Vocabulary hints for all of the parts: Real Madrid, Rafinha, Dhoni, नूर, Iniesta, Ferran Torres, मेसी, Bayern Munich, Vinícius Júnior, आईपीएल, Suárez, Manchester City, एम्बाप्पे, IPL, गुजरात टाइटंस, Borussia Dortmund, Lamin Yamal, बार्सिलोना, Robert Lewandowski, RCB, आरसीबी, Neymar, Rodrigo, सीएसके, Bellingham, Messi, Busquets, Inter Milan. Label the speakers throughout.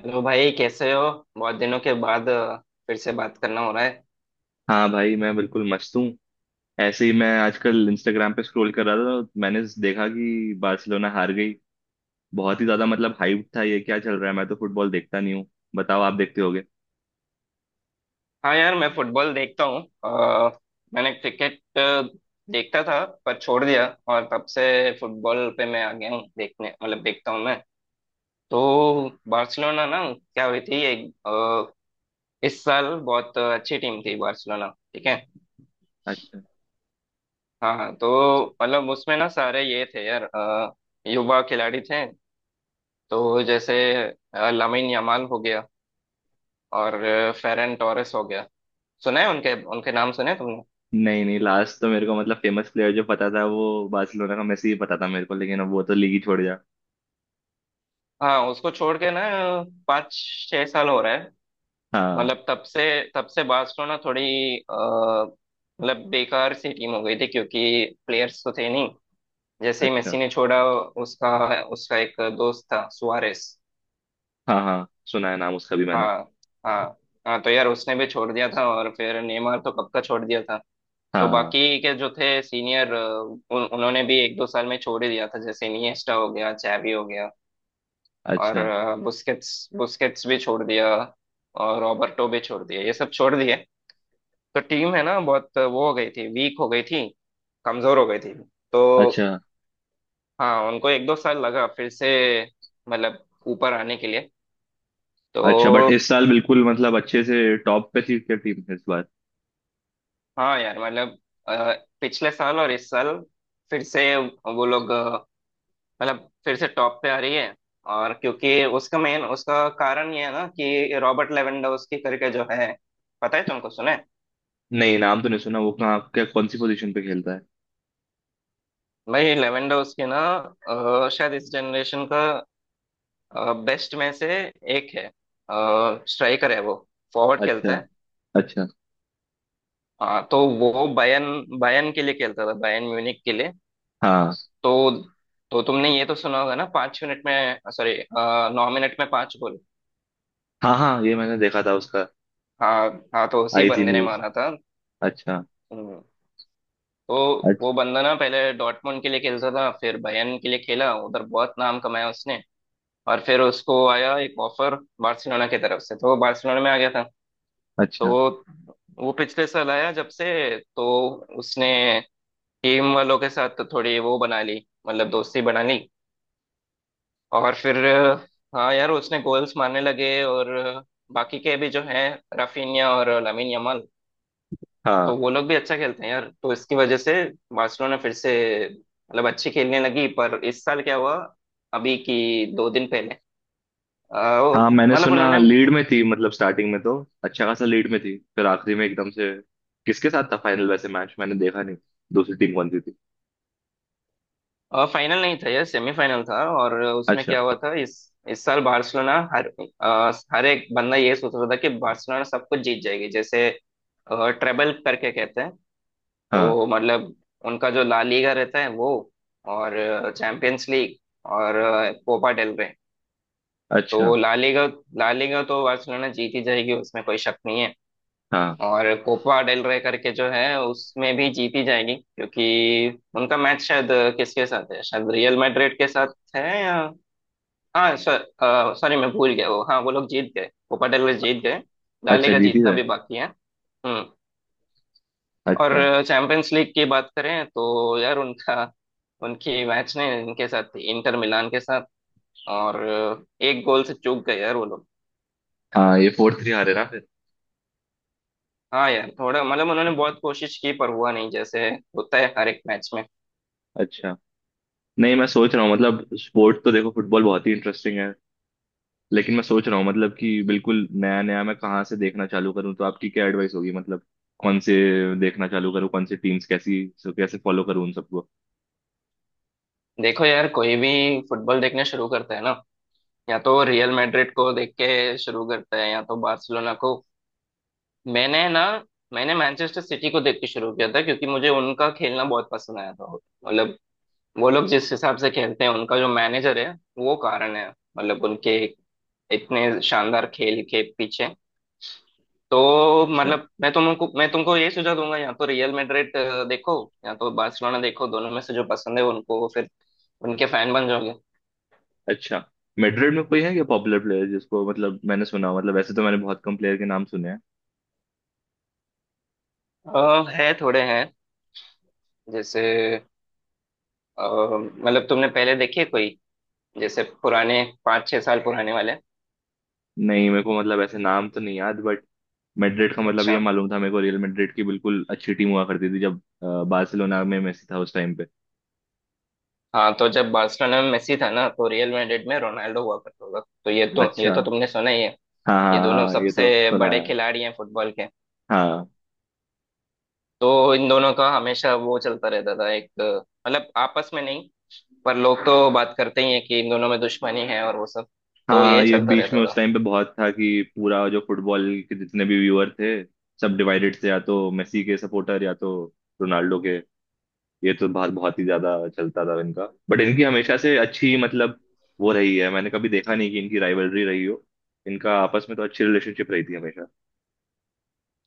Speaker 1: Hello भाई, कैसे हो। बहुत दिनों के बाद फिर से बात करना हो रहा है।
Speaker 2: हाँ भाई, मैं बिल्कुल मस्त हूँ। ऐसे ही मैं आजकल इंस्टाग्राम पे स्क्रॉल कर रहा था तो मैंने देखा कि बार्सिलोना हार गई। बहुत ही ज्यादा मतलब हाइप था, ये क्या चल रहा है? मैं तो फुटबॉल देखता नहीं हूँ। बताओ, आप देखते होगे।
Speaker 1: हाँ यार, मैं फुटबॉल देखता हूँ। मैंने क्रिकेट देखता था, पर छोड़ दिया। और तब से फुटबॉल पे मैं आ गया हूँ देखने, मतलब देखता हूँ मैं। तो बार्सिलोना ना, क्या हुई थी एक इस साल बहुत अच्छी टीम थी बार्सिलोना। ठीक है।
Speaker 2: अच्छा।
Speaker 1: हाँ हाँ, तो मतलब उसमें ना सारे ये थे यार युवा खिलाड़ी थे। तो जैसे लामिन यमाल हो गया। और फेरन टोरेस हो गया। सुना है उनके उनके नाम सुने तुमने।
Speaker 2: नहीं नहीं, लास्ट तो मेरे को मतलब फेमस प्लेयर जो पता था वो बार्सिलोना का मेसी ही पता था मेरे को, लेकिन अब वो तो लीग ही छोड़ गया।
Speaker 1: हाँ, उसको छोड़ के ना पाँच छह साल हो रहा है।
Speaker 2: हाँ।
Speaker 1: मतलब तब से बार्सिलोना थोड़ी अ, मतलब बेकार सी टीम हो गई थी, क्योंकि प्लेयर्स तो थे नहीं। जैसे ही
Speaker 2: अच्छा।
Speaker 1: मेसी ने छोड़ा, उसका उसका एक दोस्त था सुआरेस।
Speaker 2: हाँ हाँ, सुना है नाम उसका भी मैंने।
Speaker 1: हाँ। हाँ। हाँ तो यार उसने भी छोड़ दिया था, और फिर नेमार तो कब का छोड़ दिया था। तो
Speaker 2: हाँ।
Speaker 1: बाकी के जो थे सीनियर, उन्होंने भी एक दो साल में छोड़ ही दिया था। जैसे इनिएस्टा हो गया, चैवी हो गया। और
Speaker 2: अच्छा।
Speaker 1: बुस्केट्स बुस्केट्स भी छोड़ दिया। और रॉबर्टो भी छोड़ दिया, ये सब छोड़ दिए। तो टीम है ना बहुत वो हो गई थी, वीक हो गई थी, कमजोर हो गई थी। तो
Speaker 2: अच्छा।
Speaker 1: हाँ, उनको एक दो साल लगा फिर से, मतलब ऊपर आने के लिए। तो
Speaker 2: अच्छा, बट इस साल बिल्कुल मतलब अच्छे से टॉप पे थी क्या टीम इस बार?
Speaker 1: हाँ यार, मतलब अ, पिछले साल और इस साल फिर से वो लोग मतलब फिर से टॉप पे आ रही है। और क्योंकि उसका कारण ये है ना कि रॉबर्ट लेवेंडोव्स्की करके जो है, पता है तुमको, सुने।
Speaker 2: नहीं, नाम तो नहीं सुना। वो कहाँ, क्या कौन सी पोजीशन पे खेलता है?
Speaker 1: भाई, लेवेंडोस के ना शायद इस जनरेशन का बेस्ट में से एक है। स्ट्राइकर है वो, फॉरवर्ड
Speaker 2: अच्छा।
Speaker 1: खेलता है।
Speaker 2: अच्छा।
Speaker 1: हाँ, तो वो बायन बायन के लिए खेलता था, बायन म्यूनिक के लिए।
Speaker 2: हाँ
Speaker 1: तो तो तुमने ये तो सुना होगा ना, पांच मिनट में, सॉरी, नौ मिनट में पांच गोल।
Speaker 2: हाँ हाँ, ये मैंने देखा था उसका।
Speaker 1: हाँ हाँ, तो उसी
Speaker 2: आई थी
Speaker 1: बंदे ने
Speaker 2: न्यूज।
Speaker 1: मारा था।
Speaker 2: अच्छा।
Speaker 1: हम्म, तो वो
Speaker 2: अच्छा।
Speaker 1: बंदा ना पहले डॉर्टमुंड के लिए खेलता था, फिर बायन के लिए खेला, उधर बहुत नाम कमाया उसने। और फिर उसको आया एक ऑफर बार्सिलोना की तरफ से, तो वो बार्सिलोना में आ गया था। तो
Speaker 2: अच्छा।
Speaker 1: वो पिछले साल आया जब से। तो उसने टीम वालों के साथ तो थोड़ी वो बना ली, मतलब दोस्ती बना ली। और फिर हाँ यार उसने गोल्स मारने लगे। और बाकी के भी जो हैं, राफिनिया और लामिन यमाल, तो
Speaker 2: हाँ
Speaker 1: वो लोग भी अच्छा खेलते हैं यार। तो इसकी वजह से बार्सिलोना फिर से मतलब अच्छी खेलने लगी। पर इस साल क्या हुआ अभी की दो दिन पहले,
Speaker 2: हाँ, मैंने
Speaker 1: मतलब
Speaker 2: सुना
Speaker 1: उन्होंने।
Speaker 2: लीड में थी, मतलब स्टार्टिंग में तो अच्छा खासा लीड में थी, फिर आखिरी में एकदम से। किसके साथ था फाइनल? वैसे मैच मैंने देखा नहीं। दूसरी टीम कौन सी थी?
Speaker 1: फाइनल नहीं था, यह सेमीफाइनल था। और उसमें
Speaker 2: अच्छा।
Speaker 1: क्या हुआ था, इस साल बार्सिलोना हर हर एक बंदा ये सोच रहा था कि बार्सिलोना सब कुछ जीत जाएगी, जैसे ट्रेबल करके कहते हैं।
Speaker 2: हाँ।
Speaker 1: तो मतलब उनका जो ला लीगा रहता है वो, और चैंपियंस लीग, और कोपा डेल रे।
Speaker 2: अच्छा।
Speaker 1: तो ला लीगा तो बार्सिलोना जीत ही जाएगी, उसमें कोई शक नहीं है।
Speaker 2: हाँ।
Speaker 1: और कोपा डेल रे करके जो है उसमें भी जीती जाएगी, क्योंकि उनका मैच शायद किसके साथ है, शायद रियल मैड्रिड के साथ है या, हाँ, सॉरी, मैं भूल गया। वो, हाँ, वो लोग जीत गए, कोपा डेल रे जीत गए। ला
Speaker 2: अच्छा,
Speaker 1: लीगा
Speaker 2: जीती
Speaker 1: जीतना
Speaker 2: है।
Speaker 1: भी बाकी है। हम्म। और
Speaker 2: अच्छा।
Speaker 1: चैंपियंस लीग की बात करें तो यार उनका उनकी मैच ने इनके साथ थी, इंटर मिलान के साथ। और एक गोल से चूक गए यार वो लोग।
Speaker 2: हाँ, ये 4-3 हारे ना फिर।
Speaker 1: हाँ यार, थोड़ा मतलब उन्होंने बहुत कोशिश की पर हुआ नहीं, जैसे होता है हर एक मैच में।
Speaker 2: अच्छा। नहीं, मैं सोच रहा हूँ मतलब स्पोर्ट तो देखो फुटबॉल बहुत ही इंटरेस्टिंग है। लेकिन मैं सोच रहा हूँ मतलब कि बिल्कुल नया नया मैं कहाँ से देखना चालू करूँ, तो आपकी क्या एडवाइस होगी मतलब? कौन से देखना चालू करूँ, कौन से टीम्स कैसी, सो कैसे फॉलो करूँ उन सबको?
Speaker 1: देखो यार, कोई भी फुटबॉल देखना शुरू करता है ना, या तो रियल मैड्रिड को देख के शुरू करता है या तो बार्सिलोना को। मैंने ना मैंने मैनचेस्टर सिटी को देख के शुरू किया था, क्योंकि मुझे उनका खेलना बहुत पसंद आया था। मतलब वो लोग जिस हिसाब से खेलते हैं, उनका जो मैनेजर है, वो कारण है, मतलब उनके इतने शानदार खेल के पीछे। तो
Speaker 2: अच्छा।
Speaker 1: मतलब मैं तुमको ये सुझाव दूंगा, या तो रियल मैड्रिड देखो या तो बार्सिलोना देखो। दोनों में से जो पसंद है उनको, फिर उनके फैन बन जाओगे।
Speaker 2: अच्छा, मैड्रिड में कोई है क्या पॉपुलर प्लेयर जिसको मतलब मैंने सुना हो? मतलब वैसे तो मैंने बहुत कम प्लेयर के नाम सुने हैं।
Speaker 1: है, थोड़े हैं। जैसे मतलब तुमने पहले देखे कोई, जैसे पुराने पाँच छह साल पुराने वाले।
Speaker 2: नहीं, मेरे को मतलब ऐसे नाम तो नहीं याद, बट मैड्रिड का मतलब ये
Speaker 1: अच्छा।
Speaker 2: मालूम था मेरे को रियल मैड्रिड की बिल्कुल अच्छी टीम हुआ करती थी जब बार्सिलोना में मेसी था उस टाइम पे।
Speaker 1: हाँ, तो जब बार्सिलोना में मेसी था ना तो रियल मैड्रिड में रोनाल्डो हुआ करता था, तो ये तो ये
Speaker 2: अच्छा।
Speaker 1: तो तुमने सुना ही है।
Speaker 2: हाँ
Speaker 1: ये
Speaker 2: हाँ।
Speaker 1: दोनों
Speaker 2: हाँ, ये
Speaker 1: सबसे
Speaker 2: तो सुना
Speaker 1: बड़े
Speaker 2: है।
Speaker 1: खिलाड़ी हैं फुटबॉल के।
Speaker 2: हाँ।
Speaker 1: तो इन दोनों का हमेशा वो चलता रहता था एक मतलब आपस में नहीं, पर लोग तो बात करते ही हैं कि इन दोनों में दुश्मनी है और वो सब, तो ये
Speaker 2: हाँ, ये
Speaker 1: चलता
Speaker 2: बीच में
Speaker 1: रहता
Speaker 2: उस
Speaker 1: था।
Speaker 2: टाइम पे बहुत था कि पूरा जो फुटबॉल के जितने भी व्यूअर थे सब डिवाइडेड थे, या तो मेसी के सपोर्टर या तो रोनाल्डो के। ये तो बहुत बहुत ही ज्यादा चलता था इनका, बट इनकी हमेशा से अच्छी मतलब वो रही है। मैंने कभी देखा नहीं कि इनकी राइवलरी रही हो। इनका आपस में तो अच्छी रिलेशनशिप रही थी हमेशा।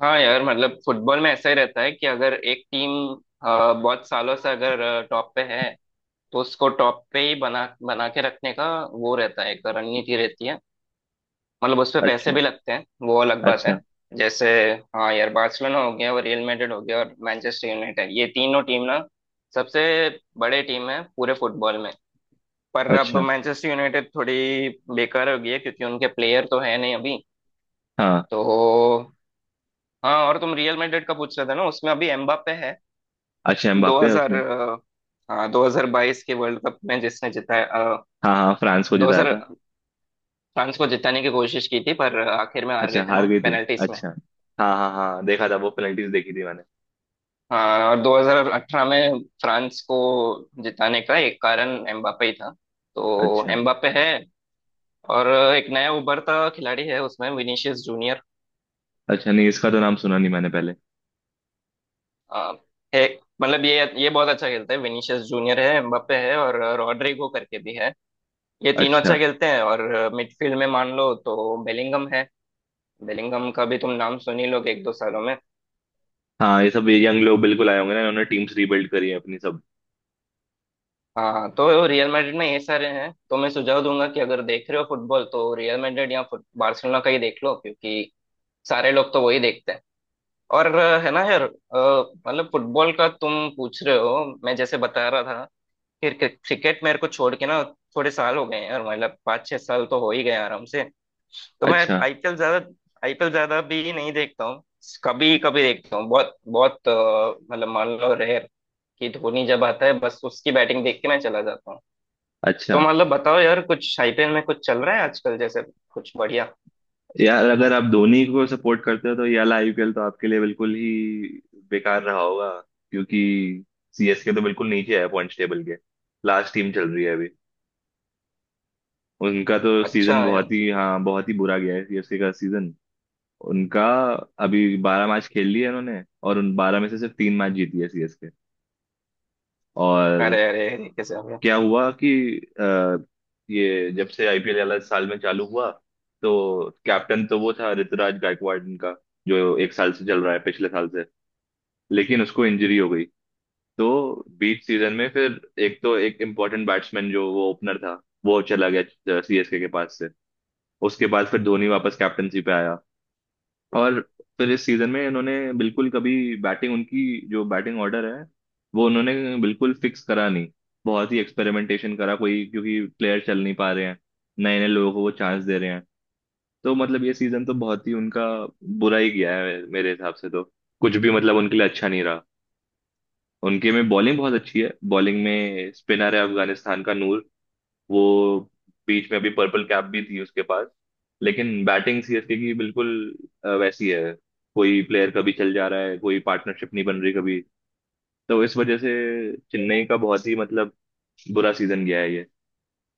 Speaker 1: हाँ यार, मतलब फुटबॉल में ऐसा ही रहता है कि अगर एक टीम बहुत सालों से अगर टॉप पे है, तो उसको टॉप पे ही बना बना के रखने का वो रहता है, एक रणनीति रहती है। मतलब उस पे पैसे
Speaker 2: अच्छा।
Speaker 1: भी लगते हैं वो अलग बात
Speaker 2: अच्छा।
Speaker 1: है। जैसे, हाँ यार, बार्सिलोना हो गया और रियल मैड्रिड हो गया और मैनचेस्टर यूनाइटेड, ये तीनों टीम ना सबसे बड़े टीम है पूरे फुटबॉल में। पर अब
Speaker 2: अच्छा।
Speaker 1: मैनचेस्टर यूनाइटेड थोड़ी बेकार हो गई है, क्योंकि उनके प्लेयर तो है नहीं अभी।
Speaker 2: हाँ।
Speaker 1: तो हाँ, और तुम रियल मैड्रिड का पूछ रहे थे ना, उसमें अभी एम्बाप्पे है।
Speaker 2: अच्छा, एम्बाप्पे है
Speaker 1: 2000
Speaker 2: उसमें।
Speaker 1: हाँ, 2022 के वर्ल्ड कप में जिसने जिताया,
Speaker 2: हाँ हाँ, फ्रांस को
Speaker 1: दो
Speaker 2: जिताया
Speaker 1: हजार,
Speaker 2: था।
Speaker 1: फ्रांस को जिताने की कोशिश की थी पर आखिर में हार गए
Speaker 2: अच्छा,
Speaker 1: थे
Speaker 2: हार
Speaker 1: ना
Speaker 2: गई थी।
Speaker 1: पेनल्टीज में।
Speaker 2: अच्छा। हाँ हाँ हाँ, देखा था वो पेनल्टीज देखी थी मैंने।
Speaker 1: हाँ और 2018 में फ्रांस को जिताने का एक कारण एम्बापे ही था। तो
Speaker 2: अच्छा।
Speaker 1: एम्बापे है। और एक नया उभरता खिलाड़ी है उसमें, विनीशियस जूनियर।
Speaker 2: अच्छा, नहीं इसका तो नाम सुना नहीं मैंने पहले।
Speaker 1: अ, है, मतलब ये बहुत अच्छा खेलता है। विनीशियस जूनियर है, एम्बापे है, और रॉड्रिगो करके भी है। ये तीनों
Speaker 2: अच्छा।
Speaker 1: अच्छा खेलते हैं। और मिडफील्ड में मान लो तो बेलिंगम है। बेलिंगम का भी तुम नाम सुन ही लोगे एक दो सालों में।
Speaker 2: हाँ, ये सब यंग लोग बिल्कुल आए होंगे ना, इन्होंने टीम्स रीबिल्ड करी है अपनी सब।
Speaker 1: हाँ हाँ, तो रियल मैड्रिड में ये सारे हैं, तो मैं सुझाव दूंगा कि अगर देख रहे हो फुटबॉल तो रियल मैड्रिड या फुट बार्सिलोना का ही देख लो, क्योंकि सारे लोग तो वही देखते हैं। और है ना यार, मतलब फुटबॉल का तुम पूछ रहे हो, मैं जैसे बता रहा था। फिर क्रिकेट मेरे को छोड़ के ना थोड़े साल हो गए हैं, और मतलब पाँच छह साल तो हो ही गए आराम से। तो मैं
Speaker 2: अच्छा।
Speaker 1: आईपीएल ज्यादा भी नहीं देखता हूँ। कभी कभी देखता हूँ, बहुत बहुत मतलब मान लो रेयर, कि धोनी जब आता है बस उसकी बैटिंग देख के मैं चला जाता हूँ। तो
Speaker 2: अच्छा।
Speaker 1: मतलब बताओ यार, कुछ आईपीएल में कुछ चल रहा है आजकल, जैसे कुछ बढ़िया।
Speaker 2: यार, अगर आप धोनी को सपोर्ट करते हो तो ये वाला आईपीएल तो आपके लिए बिल्कुल ही बेकार रहा होगा, क्योंकि सीएसके तो बिल्कुल नीचे है पॉइंट्स टेबल के। लास्ट टीम चल रही है अभी। उनका तो
Speaker 1: अच्छा
Speaker 2: सीजन बहुत
Speaker 1: यार।
Speaker 2: ही, हाँ, बहुत ही बुरा गया है सीएसके का सीजन। उनका। अभी 12 मैच खेल लिए उन्होंने, और उन 12 में से सिर्फ तीन मैच जीती है सीएसके। और
Speaker 1: अरे अरे अरे, कैसे हो गया?
Speaker 2: क्या हुआ कि अ, ये जब से आईपीएल वाला साल में चालू हुआ तो कैप्टन तो वो था ऋतुराज गायकवाड़ इनका, जो एक साल से चल रहा है पिछले साल से। लेकिन उसको इंजरी हो गई, तो बीच सीजन में फिर एक तो एक इम्पोर्टेंट बैट्समैन जो वो ओपनर था वो चला गया सीएसके के पास से। उसके बाद फिर धोनी वापस कैप्टनसी पे आया। और फिर इस सीजन में इन्होंने बिल्कुल कभी बैटिंग उनकी, जो बैटिंग ऑर्डर है वो उन्होंने बिल्कुल फिक्स करा नहीं। बहुत ही एक्सपेरिमेंटेशन करा, कोई क्योंकि प्लेयर चल नहीं पा रहे हैं, नए नए लोगों को वो चांस दे रहे हैं। तो मतलब ये सीजन तो बहुत ही उनका बुरा ही गया है मेरे हिसाब से तो। कुछ भी मतलब उनके लिए अच्छा नहीं रहा। उनके में बॉलिंग बहुत अच्छी है, बॉलिंग में स्पिनर है अफगानिस्तान का नूर। वो बीच में अभी पर्पल कैप भी थी उसके पास। लेकिन बैटिंग सीएसके की बिल्कुल वैसी है। कोई प्लेयर कभी चल जा रहा है, कोई पार्टनरशिप नहीं बन रही कभी। तो इस वजह से चेन्नई का बहुत ही मतलब बुरा सीजन गया है ये।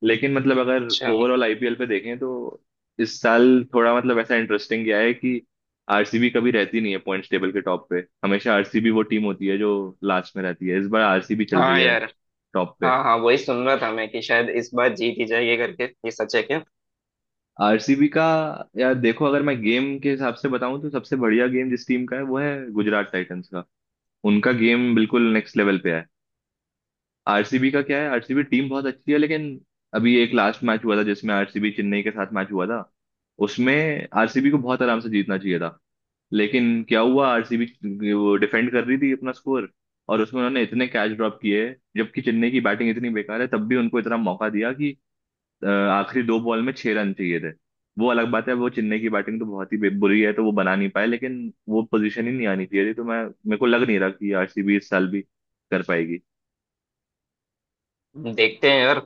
Speaker 2: लेकिन मतलब अगर
Speaker 1: अच्छा।
Speaker 2: ओवरऑल आईपीएल पे देखें तो इस साल थोड़ा मतलब ऐसा इंटरेस्टिंग गया है कि आरसीबी कभी रहती नहीं है पॉइंट्स टेबल के टॉप पे, हमेशा आरसीबी वो टीम होती है जो लास्ट में रहती है। इस बार आरसीबी चल रही
Speaker 1: हाँ
Speaker 2: है
Speaker 1: यार।
Speaker 2: टॉप पे।
Speaker 1: हाँ हाँ, वही सुन रहा था मैं, कि शायद इस बार जीत ही जाएगी करके, ये सच है क्या?
Speaker 2: आरसीबी का, यार देखो अगर मैं गेम के हिसाब से बताऊं तो सबसे बढ़िया गेम जिस टीम का है वो है गुजरात टाइटंस का। उनका गेम बिल्कुल नेक्स्ट लेवल पे है। आरसीबी का क्या है, आरसीबी टीम बहुत अच्छी है, लेकिन अभी एक लास्ट मैच हुआ था जिसमें आरसीबी चेन्नई के साथ मैच हुआ था। उसमें आरसीबी को बहुत आराम से जीतना चाहिए था, लेकिन क्या हुआ, आरसीबी वो डिफेंड कर रही थी अपना स्कोर, और उसमें उन्होंने इतने कैच ड्रॉप किए जबकि चेन्नई की बैटिंग इतनी बेकार है तब भी उनको इतना मौका दिया कि आखिरी दो बॉल में छह रन चाहिए थे। वो अलग बात है, वो चेन्नई की बैटिंग तो बहुत ही बुरी है तो वो बना नहीं पाए, लेकिन वो पोजीशन ही नहीं आनी चाहिए थी। तो मैं, मेरे को लग नहीं रहा कि आरसीबी इस साल भी कर पाएगी।
Speaker 1: देखते हैं यार।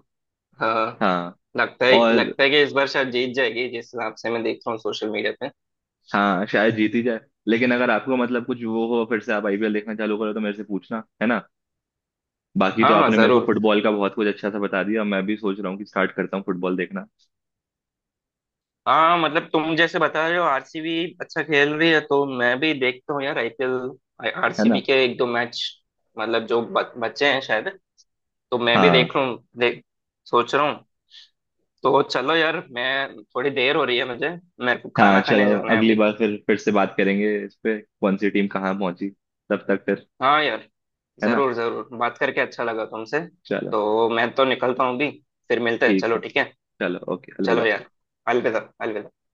Speaker 1: हाँ हाँ।
Speaker 2: हाँ।
Speaker 1: लगता है
Speaker 2: और
Speaker 1: लगता है कि इस बार शायद जीत जाएगी, जिस हिसाब से मैं देख रहा हूँ सोशल मीडिया पे।
Speaker 2: हाँ, शायद जीती जाए। लेकिन अगर आपको मतलब कुछ वो हो फिर से आप आईपीएल देखना चालू करो तो मेरे से पूछना है ना। बाकी तो
Speaker 1: हाँ हाँ,
Speaker 2: आपने मेरे को
Speaker 1: जरूर।
Speaker 2: फुटबॉल का बहुत कुछ अच्छा सा बता दिया, मैं भी सोच रहा हूँ कि स्टार्ट करता हूँ फुटबॉल देखना।
Speaker 1: हाँ मतलब तुम जैसे बता रहे हो आरसीबी अच्छा खेल रही है, तो मैं भी देखता हूँ यार आईपीएल,
Speaker 2: है ना?
Speaker 1: आरसीबी के एक दो मैच, मतलब जो बच्चे हैं शायद, तो मैं भी
Speaker 2: हाँ
Speaker 1: देख रहा हूँ, देख सोच रहा हूँ। तो चलो यार, मैं, थोड़ी देर हो रही है मुझे, मेरे को
Speaker 2: हाँ,
Speaker 1: खाना खाने
Speaker 2: चलो,
Speaker 1: जाना है
Speaker 2: अगली
Speaker 1: अभी।
Speaker 2: बार फिर से बात करेंगे इस पे कौन सी टीम कहाँ पहुंची। तब तक फिर,
Speaker 1: हाँ यार,
Speaker 2: है ना?
Speaker 1: जरूर जरूर, बात करके अच्छा लगा तुमसे।
Speaker 2: चलो
Speaker 1: तो मैं तो निकलता हूँ अभी, फिर मिलते हैं,
Speaker 2: ठीक
Speaker 1: चलो
Speaker 2: है।
Speaker 1: ठीक है।
Speaker 2: चलो, ओके,
Speaker 1: चलो
Speaker 2: अलविदा।
Speaker 1: यार। अलविदा, अलविदा।